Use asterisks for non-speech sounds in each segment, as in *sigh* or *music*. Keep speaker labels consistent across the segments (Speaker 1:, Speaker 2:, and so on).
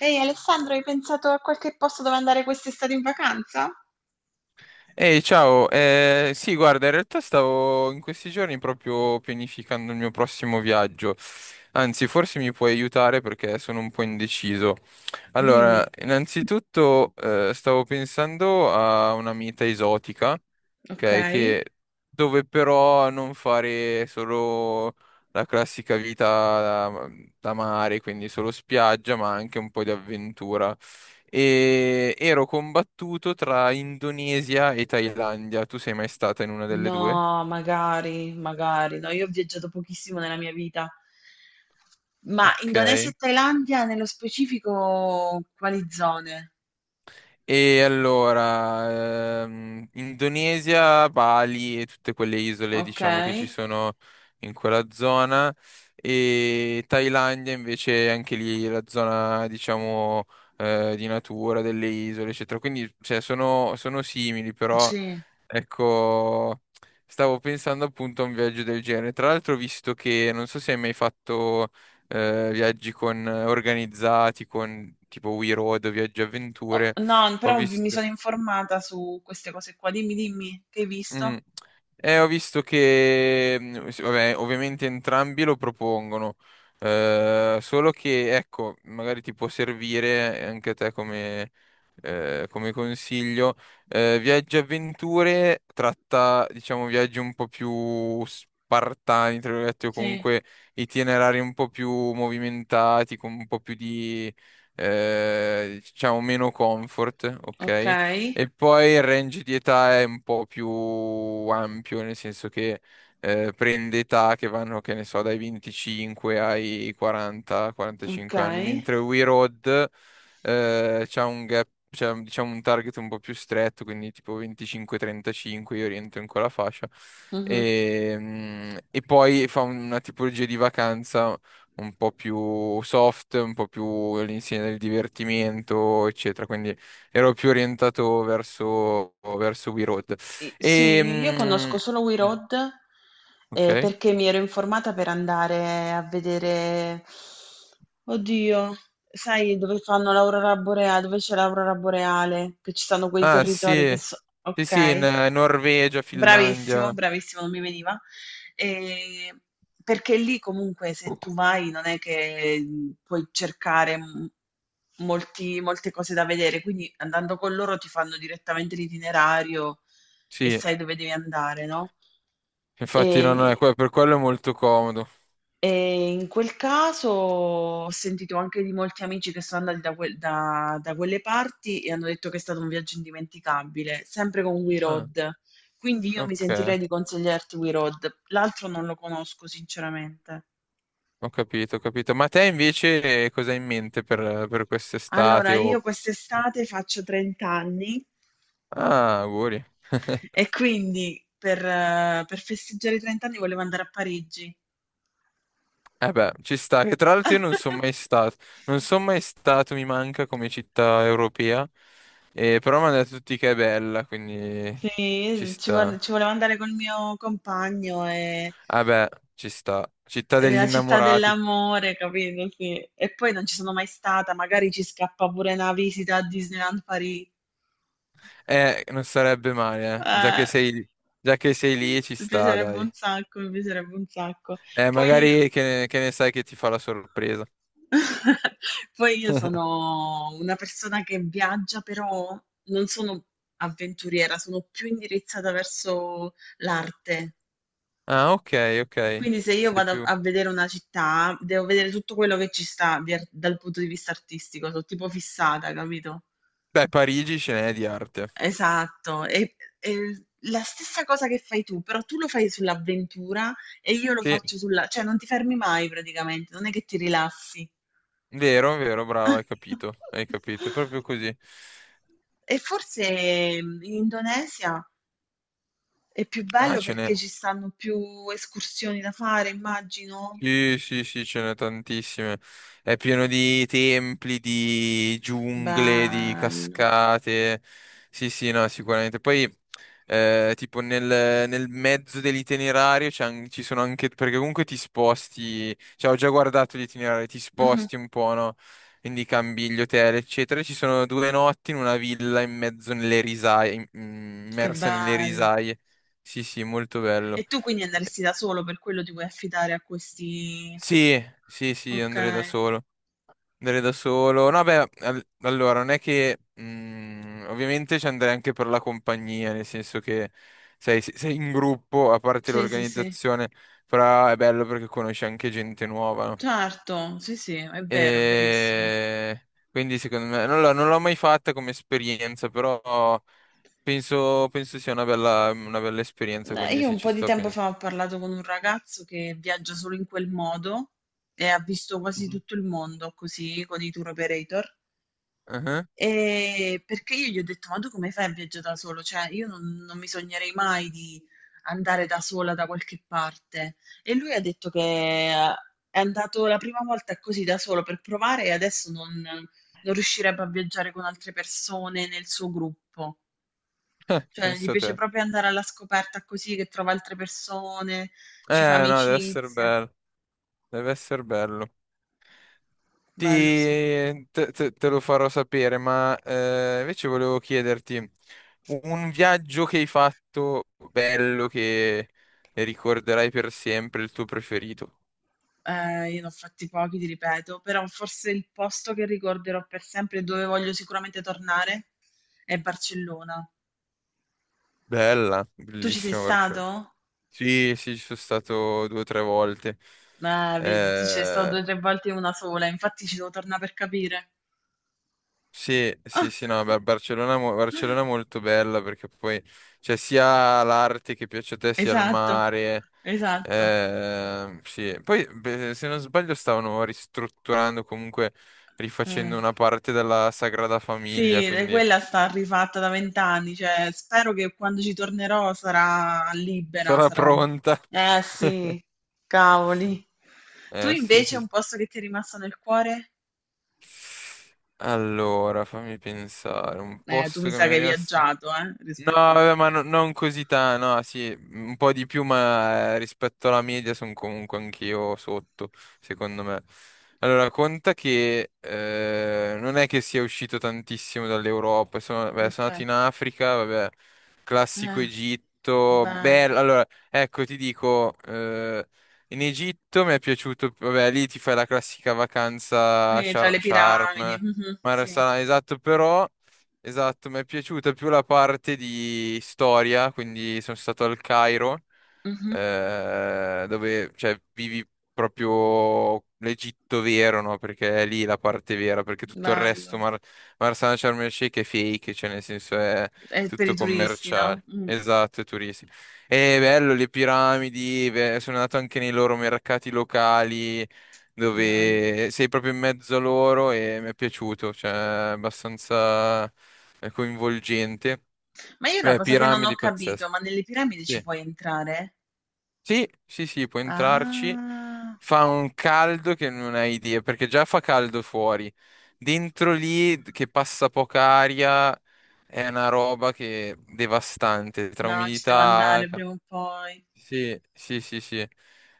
Speaker 1: Ehi Alessandro, hai pensato a qualche posto dove andare quest'estate in vacanza?
Speaker 2: Ehi, ciao. Sì, guarda, in realtà stavo in questi giorni proprio pianificando il mio prossimo viaggio. Anzi, forse mi puoi aiutare perché sono un po' indeciso. Allora,
Speaker 1: Dimmi,
Speaker 2: innanzitutto stavo pensando a una meta esotica,
Speaker 1: ok?
Speaker 2: ok, che dove però non fare solo la classica vita da, da mare, quindi solo spiaggia, ma anche un po' di avventura. E ero combattuto tra Indonesia e Thailandia. Tu sei mai stata in una delle due?
Speaker 1: No, magari, magari. No, io ho viaggiato pochissimo nella mia vita. Ma Indonesia
Speaker 2: Ok.
Speaker 1: e Thailandia, nello specifico, quali zone?
Speaker 2: E allora, Indonesia, Bali e tutte quelle isole,
Speaker 1: Ok?
Speaker 2: diciamo, che ci sono in quella zona. E Thailandia invece anche lì la zona, diciamo, di natura, delle isole, eccetera. Quindi, cioè, sono simili, però,
Speaker 1: Sì.
Speaker 2: ecco, stavo pensando appunto a un viaggio del genere. Tra l'altro, ho visto che, non so se hai mai fatto, viaggi con, organizzati, con tipo We Road o Viaggi
Speaker 1: Oh,
Speaker 2: Avventure.
Speaker 1: no,
Speaker 2: Ho
Speaker 1: però mi
Speaker 2: visto,
Speaker 1: sono informata su queste cose qua. Dimmi, dimmi, che hai
Speaker 2: mm,
Speaker 1: visto?
Speaker 2: Ho visto che, sì, vabbè, ovviamente entrambi lo propongono, solo che, ecco, magari ti può servire anche a te come, come consiglio. Viaggi e Avventure tratta, diciamo, viaggi un po' più spartani, tra virgolette, o
Speaker 1: Sì.
Speaker 2: comunque itinerari un po' più movimentati, con un po' più di, diciamo, meno comfort, ok?
Speaker 1: Ok,
Speaker 2: E poi il range di età è un po' più ampio, nel senso che prende età che vanno, che ne so, dai 25 ai
Speaker 1: ok.
Speaker 2: 40-45 anni, mentre Wii Road c'ha un gap, c'ha, diciamo un target un po' più stretto, quindi tipo 25-35, io rientro in quella fascia.
Speaker 1: Mhm.
Speaker 2: E, mm, e poi fa una tipologia di vacanza un po' più soft, un po' più all'insieme del divertimento, eccetera. Quindi ero più orientato verso, verso We Road.
Speaker 1: Sì, io
Speaker 2: E,
Speaker 1: conosco solo We
Speaker 2: mm,
Speaker 1: Road,
Speaker 2: ok.
Speaker 1: perché mi ero informata per andare a vedere, oddio, sai dove fanno l'aurora boreale, dove c'è l'aurora boreale, che ci sono quei
Speaker 2: Ah,
Speaker 1: territori che
Speaker 2: sì.
Speaker 1: so...
Speaker 2: Sì, sì, in
Speaker 1: Ok.
Speaker 2: Norvegia,
Speaker 1: Bravissimo,
Speaker 2: Finlandia.
Speaker 1: bravissimo, non mi veniva. Ehm, Perché lì comunque se tu vai non è che, puoi cercare m molti molte cose da vedere, quindi andando con loro ti fanno direttamente l'itinerario e
Speaker 2: Sì,
Speaker 1: sai dove devi andare, no?
Speaker 2: infatti non
Speaker 1: Ehm
Speaker 2: è, per quello è molto comodo.
Speaker 1: In quel caso ho sentito anche di molti amici che sono andati da quelle parti e hanno detto che è stato un viaggio indimenticabile, sempre con We
Speaker 2: Ah,
Speaker 1: Road. Quindi io mi
Speaker 2: ok,
Speaker 1: sentirei di consigliarti We Road, l'altro non lo conosco sinceramente.
Speaker 2: ho capito, ho capito. Ma te invece cosa hai in mente per
Speaker 1: Allora,
Speaker 2: quest'estate?
Speaker 1: io
Speaker 2: O-
Speaker 1: quest'estate faccio 30 anni
Speaker 2: Ah, auguri.
Speaker 1: e quindi per festeggiare i 30 anni volevo andare a Parigi.
Speaker 2: Eh beh, ci sta, che tra l'altro io non sono
Speaker 1: *laughs*
Speaker 2: mai stato, non sono mai stato, mi manca come città europea, però mi hanno detto tutti che è bella, quindi ci
Speaker 1: Sì,
Speaker 2: sta.
Speaker 1: ci volevo andare col mio compagno e
Speaker 2: Ah beh, ci sta, città degli
Speaker 1: La città
Speaker 2: innamorati,
Speaker 1: dell'amore, capito? Sì. E poi non ci sono mai stata, magari ci scappa pure una visita a Disneyland Paris.
Speaker 2: non sarebbe male,
Speaker 1: Eh,
Speaker 2: già che sei lì ci
Speaker 1: Mi
Speaker 2: sta,
Speaker 1: piacerebbe un
Speaker 2: dai.
Speaker 1: sacco, mi piacerebbe un sacco. Poi,
Speaker 2: Magari che ne sai che ti fa la sorpresa.
Speaker 1: *laughs* poi io
Speaker 2: *laughs*
Speaker 1: sono una persona che viaggia, però non sono avventuriera, sono più indirizzata verso l'arte.
Speaker 2: Ah, ok, ok,
Speaker 1: Quindi se io
Speaker 2: sei
Speaker 1: vado
Speaker 2: più...
Speaker 1: a vedere una città, devo vedere tutto quello che ci sta dal punto di vista artistico, sono tipo fissata, capito?
Speaker 2: Beh, Parigi ce n'è di arte.
Speaker 1: Esatto, è la stessa cosa che fai tu, però tu lo fai sull'avventura e io lo
Speaker 2: Sì,
Speaker 1: faccio sulla... cioè non ti fermi mai praticamente, non è che ti rilassi.
Speaker 2: vero, vero, bravo, hai
Speaker 1: *laughs*
Speaker 2: capito, è proprio così.
Speaker 1: E forse in Indonesia è più
Speaker 2: Ah,
Speaker 1: bello
Speaker 2: ce n'è.
Speaker 1: perché ci stanno più escursioni da fare, immagino.
Speaker 2: Sì, sì, sì, ce n'è tantissime. È pieno di templi, di giungle, di
Speaker 1: Bello.
Speaker 2: cascate. Sì, sì, no, sicuramente. Poi, tipo, nel mezzo dell'itinerario ci sono anche... Perché comunque ti sposti... Cioè, ho già guardato l'itinerario, ti
Speaker 1: Mhm.
Speaker 2: sposti un po', no? Quindi cambi gli hotel, eccetera. Ci sono due notti in una villa in mezzo nelle risaie,
Speaker 1: Che
Speaker 2: immersa nelle
Speaker 1: bello.
Speaker 2: risaie. Sì, sì, molto
Speaker 1: E
Speaker 2: bello.
Speaker 1: tu quindi andresti da solo, per quello ti vuoi affidare a questi...
Speaker 2: Sì, sì, sì,
Speaker 1: Ok.
Speaker 2: andrei da solo. Andrei da solo. No, beh, allora, non è che... ovviamente ci andrei anche per la compagnia, nel senso che sei in gruppo, a parte
Speaker 1: Sì, sì, sì.
Speaker 2: l'organizzazione, però è bello perché conosci anche gente nuova, no?
Speaker 1: Certo, sì, sì, è vero, è verissimo.
Speaker 2: E... Quindi secondo me... non l'ho mai fatta come esperienza, però penso sia una una bella esperienza, quindi
Speaker 1: Io
Speaker 2: sì,
Speaker 1: un
Speaker 2: ci
Speaker 1: po' di
Speaker 2: sto,
Speaker 1: tempo
Speaker 2: penso.
Speaker 1: fa ho parlato con un ragazzo che viaggia solo in quel modo e ha visto quasi
Speaker 2: Mhm.
Speaker 1: tutto il mondo così con i tour operator.
Speaker 2: Ah, ah. *laughs*
Speaker 1: Perché io gli ho detto: "Ma tu come fai a viaggià da solo? Cioè io non mi sognerei mai di andare da sola da qualche parte". E lui ha detto che eh, è andato la prima volta così da solo per provare e adesso non riuscirebbe a viaggiare con altre persone nel suo gruppo. Cioè gli
Speaker 2: Pensa a
Speaker 1: piace
Speaker 2: te.
Speaker 1: proprio andare alla scoperta così, che trova altre persone, ci fa
Speaker 2: No, deve essere
Speaker 1: amicizia.
Speaker 2: bello. Deve essere bello. Ti,
Speaker 1: Bello, sì.
Speaker 2: te lo farò sapere, ma invece volevo chiederti un viaggio che hai fatto bello che ricorderai per sempre, il tuo preferito.
Speaker 1: Io ne ho fatti pochi, ti ripeto, però forse il posto che ricorderò per sempre e dove voglio sicuramente tornare è Barcellona.
Speaker 2: Bella,
Speaker 1: Tu ci sei
Speaker 2: bellissimo
Speaker 1: stato?
Speaker 2: Barcellona. Sì, sì, ci sono stato due o tre volte.
Speaker 1: Vedi, tu ci sei stato due
Speaker 2: Eh,
Speaker 1: o tre volte e una sola, infatti ci devo tornare per capire.
Speaker 2: Sì, sì, sì, no,
Speaker 1: *laughs*
Speaker 2: Barcellona, Barcellona è molto bella perché poi c'è sia l'arte che piace a te, sia il
Speaker 1: Esatto,
Speaker 2: mare.
Speaker 1: esatto.
Speaker 2: Sì. Poi, beh, se non sbaglio, stavano ristrutturando, comunque
Speaker 1: Eh,
Speaker 2: rifacendo una parte della Sagrada Famiglia,
Speaker 1: Sì, e
Speaker 2: quindi
Speaker 1: quella sta rifatta da vent'anni, cioè spero che quando ci tornerò sarà libera,
Speaker 2: sarà
Speaker 1: sarò...
Speaker 2: pronta.
Speaker 1: Eh
Speaker 2: *laughs*
Speaker 1: sì, cavoli. Tu
Speaker 2: Sì,
Speaker 1: invece
Speaker 2: sì. sì.
Speaker 1: un posto che ti è rimasto nel cuore?
Speaker 2: Allora, fammi pensare, un
Speaker 1: Tu
Speaker 2: posto
Speaker 1: mi
Speaker 2: che
Speaker 1: sa
Speaker 2: mi
Speaker 1: che
Speaker 2: è
Speaker 1: hai
Speaker 2: rimasto...
Speaker 1: viaggiato,
Speaker 2: No,
Speaker 1: rispetto a me.
Speaker 2: vabbè, non così tanto, no, sì, un po' di più, ma rispetto alla media sono comunque anch'io sotto, secondo me. Allora, conta che non è che sia uscito tantissimo dall'Europa, sono, beh, sono
Speaker 1: Ok.
Speaker 2: andato in Africa, vabbè, classico
Speaker 1: Eh,
Speaker 2: Egitto,
Speaker 1: bello.
Speaker 2: bello, allora, ecco, ti dico, in Egitto mi è piaciuto, vabbè, lì ti fai la classica vacanza a
Speaker 1: Quindi tra le piramidi.
Speaker 2: Sharm,
Speaker 1: Mhm,
Speaker 2: Mar
Speaker 1: sì.
Speaker 2: Salam, esatto, però... Esatto, mi è piaciuta più la parte di storia, quindi sono stato al Cairo,
Speaker 1: Mhm,
Speaker 2: dove cioè, vivi proprio l'Egitto vero, no? Perché è lì la parte vera, perché tutto il resto,
Speaker 1: bello.
Speaker 2: Marsala Sharm el Sheikh è fake, cioè nel senso è
Speaker 1: È per i
Speaker 2: tutto
Speaker 1: turisti, no?
Speaker 2: commerciale.
Speaker 1: Mm,
Speaker 2: Esatto, è turistico. È bello, le piramidi, beh, sono andato anche nei loro mercati locali,
Speaker 1: bello.
Speaker 2: dove sei proprio in mezzo a loro e mi è piaciuto, cioè è abbastanza coinvolgente.
Speaker 1: Ma io una
Speaker 2: Beh,
Speaker 1: cosa che non ho
Speaker 2: piramidi
Speaker 1: capito,
Speaker 2: pazzesche.
Speaker 1: ma nelle piramidi ci
Speaker 2: Sì,
Speaker 1: puoi entrare?
Speaker 2: sì, sì, sì, puoi entrarci.
Speaker 1: Ah,
Speaker 2: Fa un caldo che non hai idea, perché già fa caldo fuori. Dentro lì, che passa poca aria, è una roba che devastante, tra
Speaker 1: no, ci devo
Speaker 2: umidità...
Speaker 1: andare prima o poi.
Speaker 2: Sì, sì, sì, sì.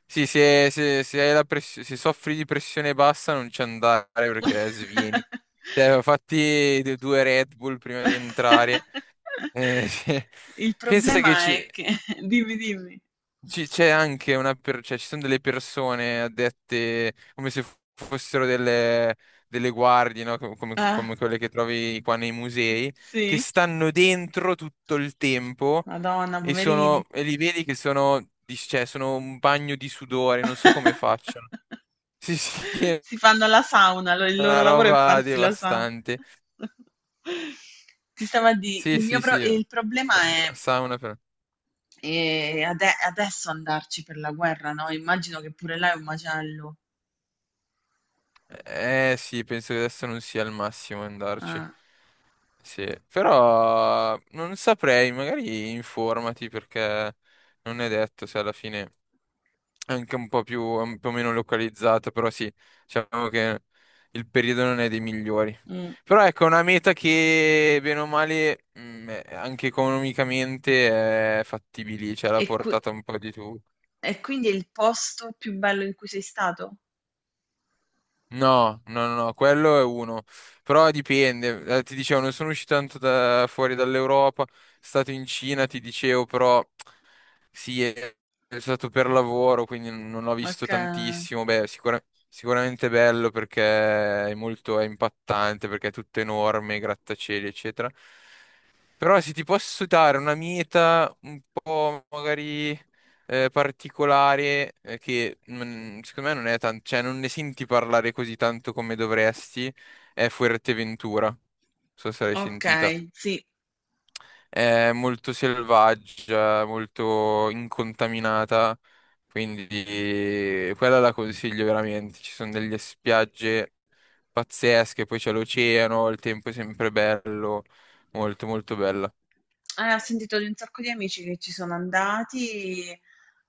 Speaker 2: Sì, se hai la se soffri di pressione bassa non ci andare
Speaker 1: *laughs*
Speaker 2: perché svieni. Cioè, fatti due Red Bull prima di entrare.
Speaker 1: *laughs*
Speaker 2: *laughs* Sì.
Speaker 1: Il
Speaker 2: Pensa che
Speaker 1: problema
Speaker 2: ci-
Speaker 1: è che *laughs* dimmi, dimmi.
Speaker 2: ci- c'è anche cioè, ci sono delle persone addette come se fossero delle guardie, no?
Speaker 1: Eh,
Speaker 2: Come quelle che trovi qua nei musei, che
Speaker 1: sì?
Speaker 2: stanno dentro tutto il tempo
Speaker 1: Madonna,
Speaker 2: e
Speaker 1: poverini.
Speaker 2: sono, e li vedi che sono, cioè, sono un bagno di sudore, non so come facciano.
Speaker 1: *laughs*
Speaker 2: Sì, sì, *laughs* è
Speaker 1: Si fanno la sauna, il
Speaker 2: una
Speaker 1: loro lavoro è
Speaker 2: roba
Speaker 1: farsi la sauna.
Speaker 2: devastante.
Speaker 1: *laughs* Ti stavo a dire,
Speaker 2: Sì, sì, sì.
Speaker 1: il problema
Speaker 2: Sauna però.
Speaker 1: è adesso andarci per la guerra, no? Immagino che pure là è un macello.
Speaker 2: Eh sì, penso che adesso non sia il massimo andarci.
Speaker 1: Ah,
Speaker 2: Sì, però non saprei, magari informati perché non è detto se alla fine... anche un po' più, un po' meno localizzata, però sì, diciamo che il periodo non è dei migliori.
Speaker 1: mm.
Speaker 2: Però ecco, è una meta che, bene o male, è- anche economicamente è fattibile, cioè alla
Speaker 1: E qui.
Speaker 2: portata un po' di tutti.
Speaker 1: E quindi è il posto più bello in cui sei stato?
Speaker 2: No, no, no, no, quello è uno. Però dipende. Ti dicevo, non sono uscito tanto fuori dall'Europa. Stato in Cina, ti dicevo, però sì, è stato per lavoro, quindi non ho visto
Speaker 1: Ok,
Speaker 2: tantissimo. Beh, sicuramente è bello perché è molto, è impattante, perché è tutto enorme, grattacieli, eccetera. Però se ti posso dare una meta un po' magari particolare, che secondo me non è tanto, cioè non ne senti parlare così tanto come dovresti, è Fuerteventura. Non so se l'hai
Speaker 1: ok,
Speaker 2: sentita.
Speaker 1: sì.
Speaker 2: È molto selvaggia, molto incontaminata, quindi quella la consiglio veramente. Ci sono delle spiagge pazzesche, poi c'è l'oceano, il tempo è sempre bello, molto molto bella.
Speaker 1: Ho sentito di un sacco di amici che ci sono andati.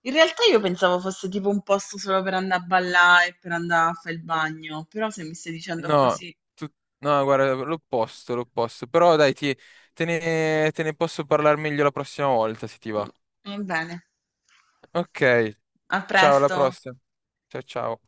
Speaker 1: In realtà io pensavo fosse tipo un posto solo per andare a ballare e per andare a fare il bagno, però se mi stai dicendo
Speaker 2: No,
Speaker 1: così,
Speaker 2: tu- no, guarda, l'opposto, l'opposto. Però dai, te ne posso parlare meglio la prossima volta, se ti va.
Speaker 1: mm, va bene.
Speaker 2: Ok,
Speaker 1: A
Speaker 2: ciao, alla
Speaker 1: presto.
Speaker 2: prossima. Ciao, ciao.